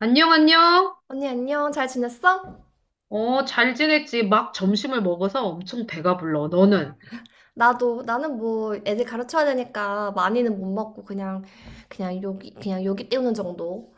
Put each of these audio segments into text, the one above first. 안녕, 안녕. 언니, 안녕. 잘 지냈어? 어, 잘 지냈지? 막 점심을 먹어서 엄청 배가 불러. 너는? 나도. 나는 애들 가르쳐야 되니까 많이는 못 먹고, 그냥, 그냥 여기 때우는 정도.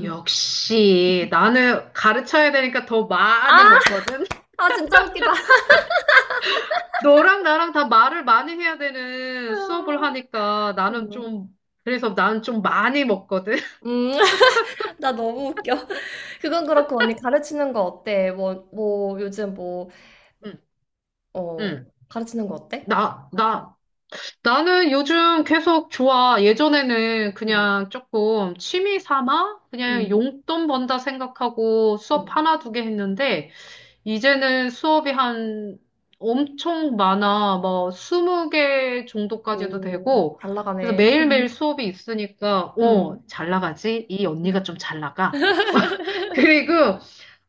역시, 나는 가르쳐야 되니까 더 많이 아! 먹거든? 아, 진짜 웃기다. 너랑 나랑 다 말을 많이 해야 되는 수업을 하니까 나는 좀, 그래서 나는 좀 많이 먹거든? 음, 나 너무 웃겨. 그건 그렇고, 언니 가르치는 거 어때? 요즘 뭐, 응, 어, 응. 가르치는 거 어때? 나, 나, 나는 요즘 계속 좋아. 예전에는 음, 그냥 조금 취미 삼아? 그냥 음, 용돈 번다 생각하고 수업 음. 하나 두 개 했는데, 이제는 수업이 한 엄청 많아. 뭐 20개 정도까지도 오, 되고. 잘 그래서 나가네. 매일매일 수업이 있으니까, 어, 음. 잘 나가지? 이 언니가 좀 잘 나가. 그리고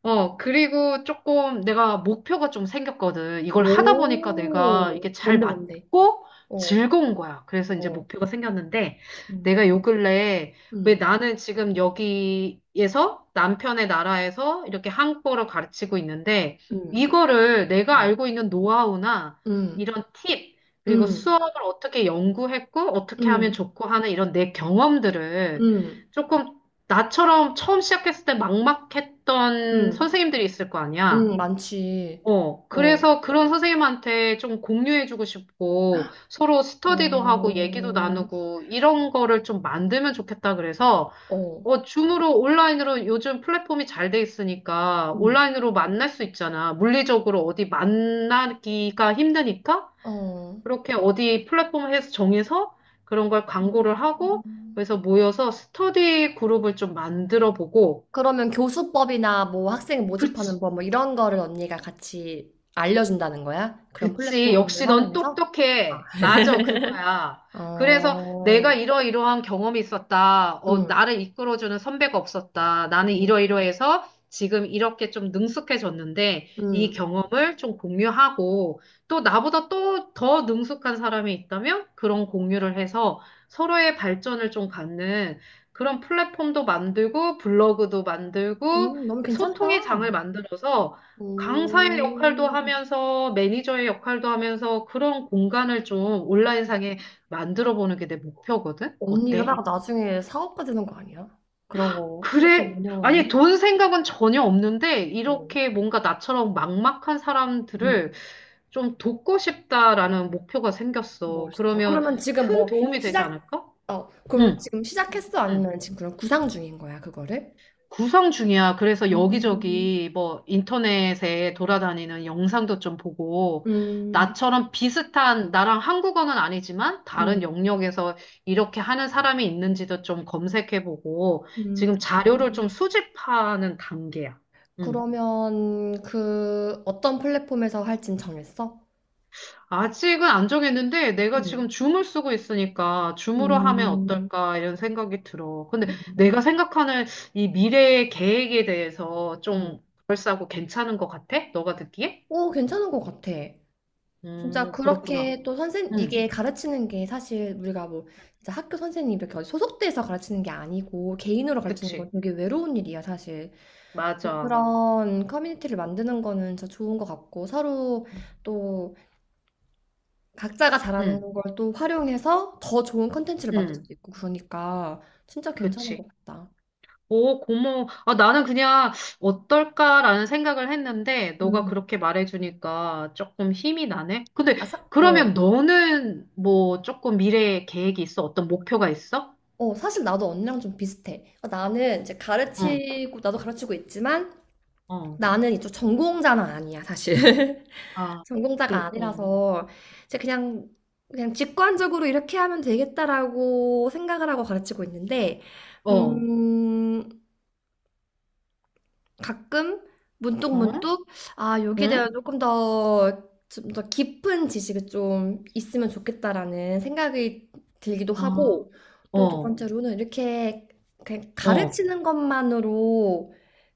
그리고 조금 내가 목표가 좀 생겼거든. 이걸 하다 보니까 내가 오, 이게 잘 뭔데, 뭔데? 맞고 어, 즐거운 거야. 그래서 이제 어, 목표가 생겼는데 음, 내가 요 근래에 왜 음, 나는 지금 여기에서 남편의 나라에서 이렇게 한국어를 가르치고 있는데 이거를 내가 음. 알고 있는 노하우나 응, 이런 팁, 그리고 응, 수업을 어떻게 연구했고 어떻게 하면 응, 좋고 하는 이런 내 경험들을 응, 조금 나처럼 처음 시작했을 때 막막했던 응, 선생님들이 있을 거 아니야. 응, 많지. 어, 어, 그래서 그런 선생님한테 좀 공유해주고 싶고, 서로 스터디도 하고, 얘기도 어, 나누고, 이런 거를 좀 만들면 좋겠다 그래서, 어, 어, 줌으로, 온라인으로 요즘 플랫폼이 잘 돼 있으니까, 응, 온라인으로 만날 수 있잖아. 물리적으로 어디 만나기가 힘드니까, 어. 그렇게 어디 플랫폼에서 정해서 그런 걸 광고를 하고, 음. 그래서 모여서 스터디 그룹을 좀 만들어 보고, 그러면 교수법이나 뭐 학생 모집하는 그치, 법 뭐 이런 거를 언니가 같이 알려준다는 거야? 그런 그치. 플랫폼을 역시 넌 활용해서? 아. 똑똑해. 맞아, 그거야. 그래서 내가 어, 이러이러한 경험이 있었다. 어, 응, 나를 이끌어주는 선배가 없었다. 나는 응, 이러이러해서 지금 이렇게 좀 능숙해졌는데 이 응, 경험을 좀 공유하고 또 나보다 또 더 능숙한 사람이 있다면 그런 공유를 해서 서로의 발전을 좀 갖는 그런 플랫폼도 만들고 블로그도 만들고 응, 너무 괜찮다. 소통의 장을 만들어서 강사의 역할도 오, 하면서 매니저의 역할도 하면서 그런 공간을 좀 온라인상에 만들어 보는 게 내 목표거든? 언니 어때? 이러다가 나중에 사업가 되는 거 아니야? 그런 거 플랫폼 그래. 아니, 운영하는? 돈 생각은 전혀 없는데, 어, 이렇게 뭔가 나처럼 막막한 음, 사람들을 좀 돕고 싶다라는 목표가 생겼어. 멋있다. 그러면 그러면 지금 큰 뭐 도움이 되지 시작, 않을까? 어, 그럼 응. 지금 시작했어? 응. 아니면 지금 그런 구상 중인 거야, 그거를? 구상 중이야. 그래서 음, 여기저기 뭐 인터넷에 돌아다니는 영상도 좀 보고, 음, 나처럼 비슷한, 나랑 한국어는 아니지만 다른 음. 영역에서 이렇게 하는 사람이 있는지도 좀 검색해보고, 지금 음. 자료를 좀 수집하는 단계야. 음. 그러면 그 어떤 플랫폼에서 할진 정했어? 아직은 안 정했는데, 내가 응. 지금 줌을 쓰고 있으니까, 줌으로 하면 음, 어떨까, 이런 생각이 들어. 근데 음, 내가 생각하는 이 미래의 계획에 대해서 음. 좀 그럴싸하고 괜찮은 것 같아? 너가 듣기에? 오, 괜찮은 것 같아. 진짜 그렇구나. 그렇게 또 선생 응, 이게 가르치는 게 사실 우리가 뭐 진짜 학교 선생님 이렇게 어디 소속돼서 가르치는 게 아니고 개인으로 가르치는 건 그치. 되게 외로운 일이야 사실. 그래서 맞아. 그런 커뮤니티를 만드는 거는 진짜 좋은 것 같고, 서로 또 각자가 잘하는 응, 걸 또 활용해서 더 좋은 컨텐츠를 만들 응, 수도 있고 그러니까 진짜 괜찮은 그치. 것 같다. 오, 고마워. 아, 나는 그냥 어떨까라는 생각을 했는데, 너가 음. 그렇게 말해주니까 조금 힘이 나네? 근데, 아, 사, 어. 그러면 너는 뭐 조금 미래에 계획이 있어? 어떤 목표가 있어? 어, 사실 나도 언니랑 좀 비슷해. 어, 나는 이제 어, 가르치고, 나도 가르치고 있지만, 어, 나는 이쪽 전공자는 아니야, 사실. 아, 전공자가 그, 어, 아니라서 이제 그냥 그냥 직관적으로 이렇게 하면 되겠다라고 생각을 하고 가르치고 있는데, 어, 음, 가끔 문득 어? 문득 아, 여기에 응? 대한 조금 더 좀 더 깊은 지식이 좀 있으면 좋겠다라는 생각이 들기도 아, 하고, 또 두 어, 번째로는 이렇게 그냥 어, 가르치는 것만으로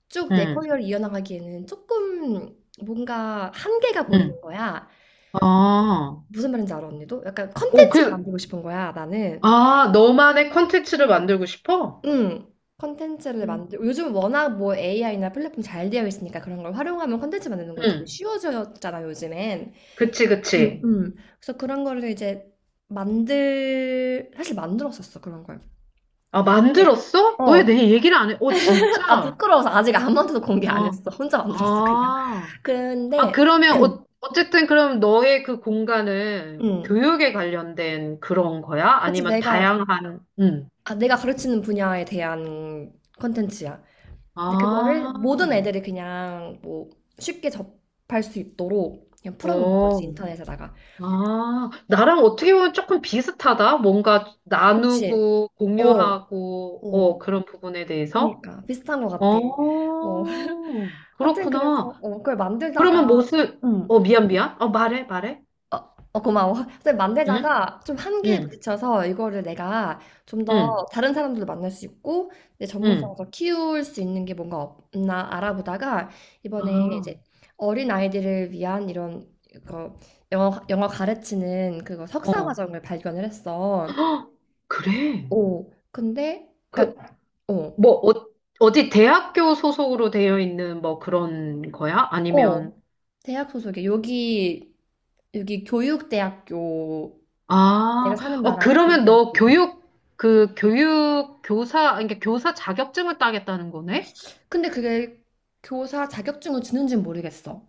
쭉 내 응, 커리어를 이어나가기에는 조금 뭔가 한계가 응, 보이는 거야. 아, 무슨 말인지 알아, 언니도? 약간 오, 컨텐츠를 그, 만들고 싶은 거야, 나는. 아, 너만의 콘텐츠를 만들고 싶어? 응. 컨텐츠를 음. 만들고 요즘 워낙 뭐 AI나 플랫폼 잘 되어 있으니까 그런 걸 활용하면 컨텐츠 만드는 응. 거 되게 응. 쉬워졌잖아, 요즘엔. 그치, 그치. 그래서 그런 거를 이제 만들 사실 만들었었어, 그런 걸. 아, 근데 만들었어? 어, 왜 내 얘기를 안 해? 어, 아 진짜? 부끄러워서 아직 아무한테도 공개 안 아, 했어. 혼자 만들었어, 그냥. 아. 아, 근데 그러면, 어, 어쨌든 그럼 너의 그 공간은 음. 교육에 관련된 그런 거야? 그치, 아니면 내가 다양한, 응. 아, 내가 가르치는 분야에 대한 콘텐츠야. 근데 그거를 아, 모든 애들이 그냥 뭐 쉽게 접할 수 있도록 그냥 풀어놓는 어, 거지, 인터넷에다가. 아. 나랑 어떻게 보면 조금 비슷하다? 뭔가 그치? 나누고, 어, 공유하고, 어, 어, 그런 부분에 대해서? 그니까. 비슷한 것 같아. 어, 어, 하여튼 그래서, 그렇구나. 어, 그걸 만들다가, 그러면 무슨, 어, 응 미안, 미안. 어, 말해, 말해. 어, 어, 고마워. 근데 응? 만들다가 좀 한계에 응, 부딪혀서 이거를 내가 좀 응, 더 다른 사람들도 만날 수 있고 내 전문성을 응. 더 키울 수 있는 게 뭔가 없나 알아보다가 이번에 아, 이제 어린 아이들을 위한 이런 그 영어 가르치는 그거 석사 어, 과정을 발견을 했어. 그래. 오, 근데 그, 그러니까 어, 뭐, 어, 어디 대학교 소속으로 되어 있는 뭐 그런 거야? 아니면, 어, 대학 소속이 여기 여기 교육대학교, 내가 아, 사는 어, 나라 그러면 너 교육대학교. 교육, 그 교육, 교사, 아니, 그러니까 교사 자격증을 따겠다는 거네? 근데 그게 교사 자격증을 주는지는 모르겠어.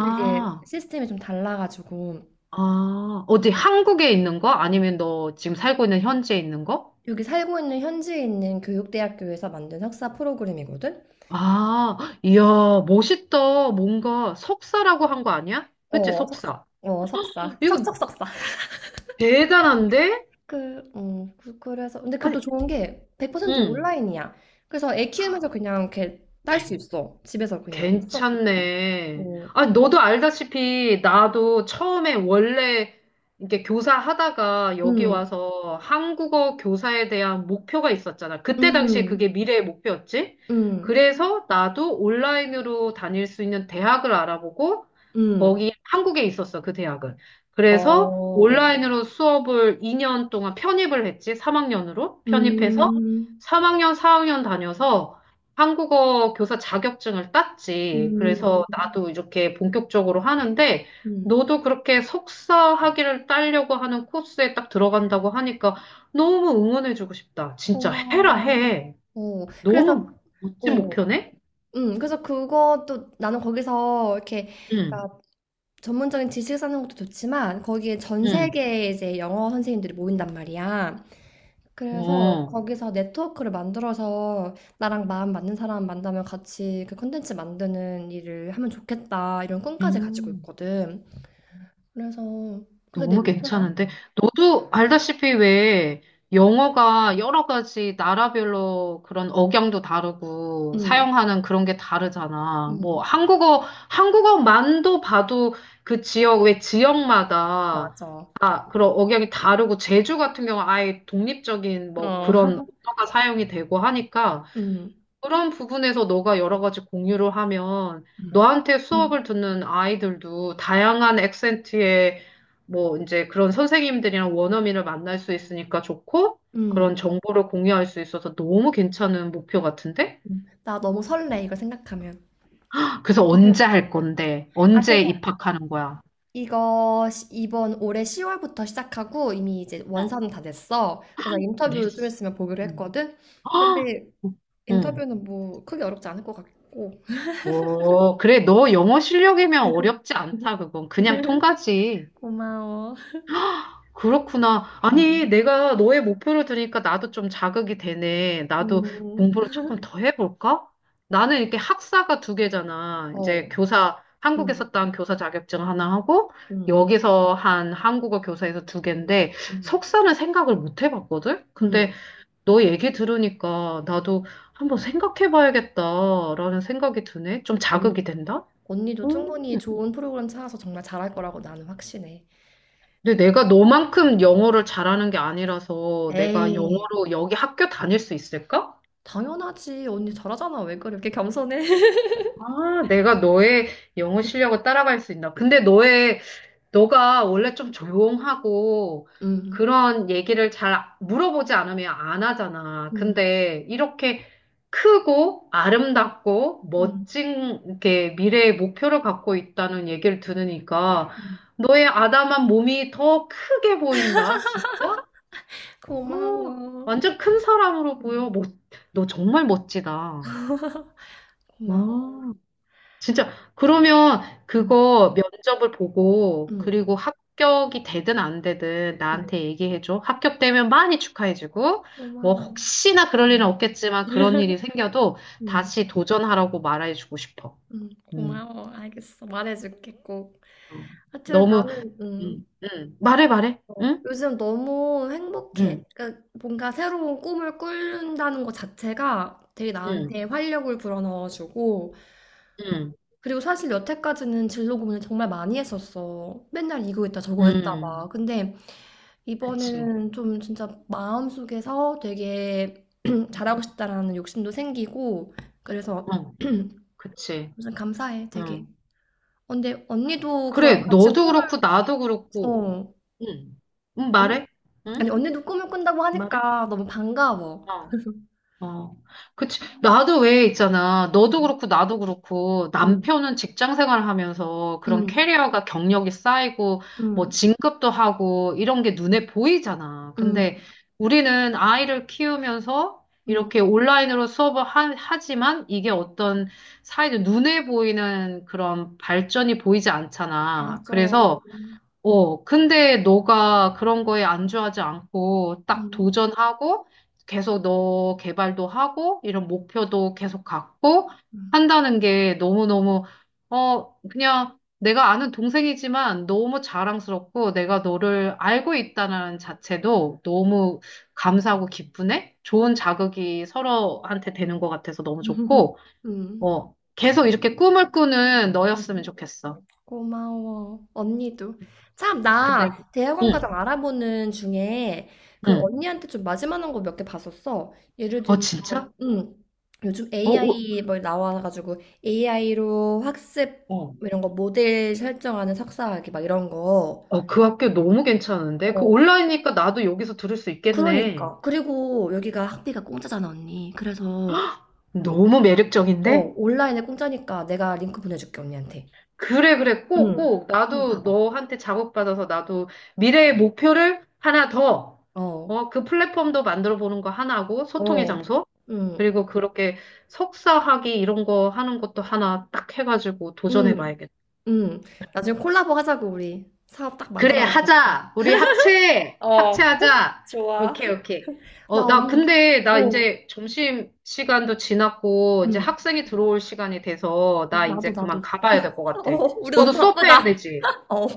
그게 시스템이 좀 달라가지고 아, 어디 한국에 있는 거? 아니면 너 지금 살고 있는 현지에 있는 거? 여기 살고 있는 현지에 있는 교육대학교에서 만든 석사 프로그램이거든. 아, 이야, 멋있다. 뭔가 석사라고 한 거 아니야? 그치, 어, 석사. 석사. 어, 석사. 이거 척척 석사. 대단한데? 그, 그래서 근데 그게 아니, 또 좋은 게 100% 응. 온라인이야. 그래서 애 키우면서 그냥 이렇게 딸 수 있어. 집에서 그냥 수업 듣고. 괜찮네. 어, 아, 너도 알다시피 나도 처음에 원래 이렇게 교사 하다가 여기 음, 와서 한국어 교사에 대한 목표가 있었잖아. 그때 당시에 음, 그게 미래의 목표였지. 음, 그래서 나도 온라인으로 다닐 수 있는 대학을 알아보고 음, 거기 한국에 있었어, 그 대학은. 어, 그래서 어. 온라인으로 수업을 2년 동안 편입을 했지. 3학년으로 편입해서 음, 3학년, 4학년 다녀서 한국어 교사 자격증을 땄지. 음, 그래서 나도 이렇게 본격적으로 하는데, 음. 너도 그렇게 석사 학위를 따려고 하는 코스에 딱 들어간다고 하니까 너무 응원해주고 싶다. 진짜 해라, 고마워. 해. 어, 그래서, 너무 멋진 어, 목표네? 그래서 그것도 나는 거기서 이렇게, 응, 그러니까 전문적인 지식 쌓는 것도 좋지만, 거기에 전 응. 세계의 이제 영어 선생님들이 모인단 말이야. 그래서 어. 거기서 네트워크를 만들어서 나랑 마음 맞는 사람 만나면 같이 그 콘텐츠 만드는 일을 하면 좋겠다, 이런 꿈까지 가지고 음. 있거든. 그래서 그게 내 너무 목표야. 괜찮은데? 너도 알다시피 왜 영어가 여러 가지 나라별로 그런 억양도 다르고 응, 사용하는 그런 게 다르잖아. 뭐 응, 한국어만도 봐도 그 지역, 왜 지역마다 맞아. 어, 아, 그런 억양이 다르고 제주 같은 경우 아예 독립적인 뭐 그런 언어가 사용이 되고 하니까 응, 그런 부분에서 너가 여러 가지 공유를 하면 너한테 수업을 응, 듣는 아이들도 다양한 액센트의 뭐 이제 그런 선생님들이랑 원어민을 만날 수 있으니까 좋고 응. 그런 정보를 공유할 수 있어서 너무 괜찮은 목표 같은데? 나 너무 설레, 이거 생각하면. 그래서 언제 할 건데? 아, 언제 그래서 입학하는 거야? 이거 이번 올해 10월부터 시작하고, 이미 이제 응. 원사는 다 됐어. 그래서 인터뷰 좀 네스. 있으면 보기로 응. 했거든. 아! 근데 응. 인터뷰는 뭐 크게 어렵지 않을 것 같고. 오, 그래. 너 영어 실력이면 어렵지 않다, 그건. 그냥 통과지. 고마워. 그렇구나. 아니, 음, 내가 너의 목표를 들으니까 나도 좀 자극이 되네. 나도 음, 공부를 조금 더 해볼까? 나는 이렇게 학사가 두 개잖아. 이제 어, 교사, 음, 한국에서 딴 교사 자격증 하나 하고, 음, 여기서 한 한국어 교사에서 두 개인데, 음, 석사는 생각을 못 해봤거든? 근데 음. 너 얘기 들으니까 나도 한번 생각해봐야겠다라는 생각이 드네. 좀 언, 자극이 된다? 언니도 음. 충분히 좋은 프로그램 찾아서 정말 잘할 거라고 나는 확신해. 근데 내가 너만큼 영어를 잘하는 게 아니라서 내가 에이, 영어로 여기 학교 다닐 수 있을까? 당연하지. 언니 잘하잖아. 왜 그래? 이렇게 겸손해? 아, 내가 너의 영어 실력을 따라갈 수 있나? 근데 너의, 너가 원래 좀 조용하고 음, 그런 얘기를 잘 물어보지 않으면 안 하잖아. 음. 근데 이렇게 크고 아름답고 응. 멋진 이렇게 미래의 목표를 갖고 있다는 얘기를 들으니까 응. 너의 아담한 몸이 더 크게 보인다. 진짜? 어, 고마워. 완전 큰 사람으로 보여. 응. 너 정말 멋지다. 고마워. 와, 진짜. 그러면 응. 그거 면접을 보고, 응. 그리고 합격이 되든 안 되든 응. 나한테 얘기해줘. 합격되면 많이 축하해주고, 뭐, 고마워. 혹시나 그럴 일은 응. 없겠지만 그런 일이 생겨도 응. 다시 도전하라고 말해주고 싶어. 응. 음. 고마워. 알겠어. 말해줄게 꼭. 어. 하여튼 너무, 나는 말해, 말해. 어, 응? 요즘 너무 응, 행복해. 그러니까 뭔가 새로운 꿈을 꾸는다는 것 자체가 되게 응, 나한테 활력을 불어넣어주고, 응, 그리고 사실 여태까지는 진로 고민을 정말 많이 했었어. 맨날 이거 했다 저거 했다 막. 응. 근데 그치. 이번에는 좀 진짜 마음속에서 되게 잘하고 싶다라는 욕심도 생기고, 그래서 어, 그치. 무슨 감사해 되게 어. 어, 근데 언니도 그런 그래, 같이 너도 꿈을 그렇고, 나도 그렇고, 어 응, 응, 언- 말해? 응? 아니 언니도 꿈을 꾼다고 말해? 하니까 너무 반가워. 어, 어. 그치. 나도 왜 있잖아. 너도 그렇고, 나도 그렇고, 응응응응응응 남편은 직장 생활을 하면서 그런 음, 캐리어가 경력이 쌓이고, 뭐, 음, 진급도 하고, 이런 게 눈에 보이잖아. 음, 근데 음, 우리는 아이를 키우면서 음, 이렇게 온라인으로 수업을 하지만 이게 음. 어떤 사회적 눈에 보이는 그런 발전이 보이지 않잖아. 맞아 그래서, 어, 근데 너가 그런 거에 안주하지 않고 응응 딱 응 도전하고 계속 너 개발도 하고 이런 목표도 계속 갖고 한다는 게 너무너무, 어, 그냥 내가 아는 동생이지만 너무 자랑스럽고 내가 너를 알고 있다는 자체도 너무 감사하고 기쁘네? 좋은 응 자극이 서로한테 되는 것 같아서 너무 음, 좋고, 음. 어, 계속 이렇게 꿈을 꾸는 너였으면 좋겠어. 고마워. 언니도. 참, 근데, 나 대학원 응, 과정 알아보는 중에 그 응. 언니한테 좀 맞을만한 거 몇 개 봤었어. 예를 어, 들면, 진짜? 음, 요즘 어, 오, AI 뭐 나와가지고 AI로 학습 어, 뭐 이런 거 모델 설정하는 석사학위 막 이런 거. 어, 그 학교 너무 괜찮은데? 그 어, 온라인이니까 나도 여기서 들을 수 있겠네. 그러니까. 그리고 여기가 학비가 공짜잖아, 언니. 그래서, 너무 어, 매력적인데? 온라인에 공짜니까 내가 링크 보내줄게, 언니한테. 그래, 그래. 꼭, 응. 꼭. 한번 나도 봐봐. 너한테 작업받아서 나도 미래의 목표를 하나 더, 어, 어, 그 플랫폼도 만들어 보는 거 하나고, 소통의 어, 장소. 응, 그리고 그렇게 석사학위 이런 거 하는 것도 하나 딱 해가지고 도전해 응. 봐야겠다. 응. 나중에 콜라보 하자고, 우리. 사업 딱 그래, 만들어가지고 가자. 하자. 우리 합체. 어, 합체하자. 좋아. 오케이, 오케이. 어, 나 나 언니, 근데 나 어, 이제 점심 시간도 지났고 이제 응. 학생이 들어올 시간이 돼서 나 나도, 이제 그만 나도. 가봐야 될 것 어, 같아. 우리 너도 너무 수업해야 바쁘다. 되지. 어.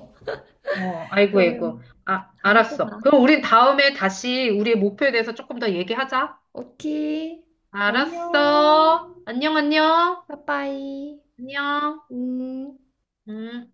어, 아이고, 아이고. 그러면 아, 다음에 또 봐. 알았어. 그럼 우린 다음에 다시 우리의 목표에 대해서 조금 더 얘기하자. 오케이. 안녕. 알았어. 안녕, 안녕. 빠빠이. 안녕. 음. 음.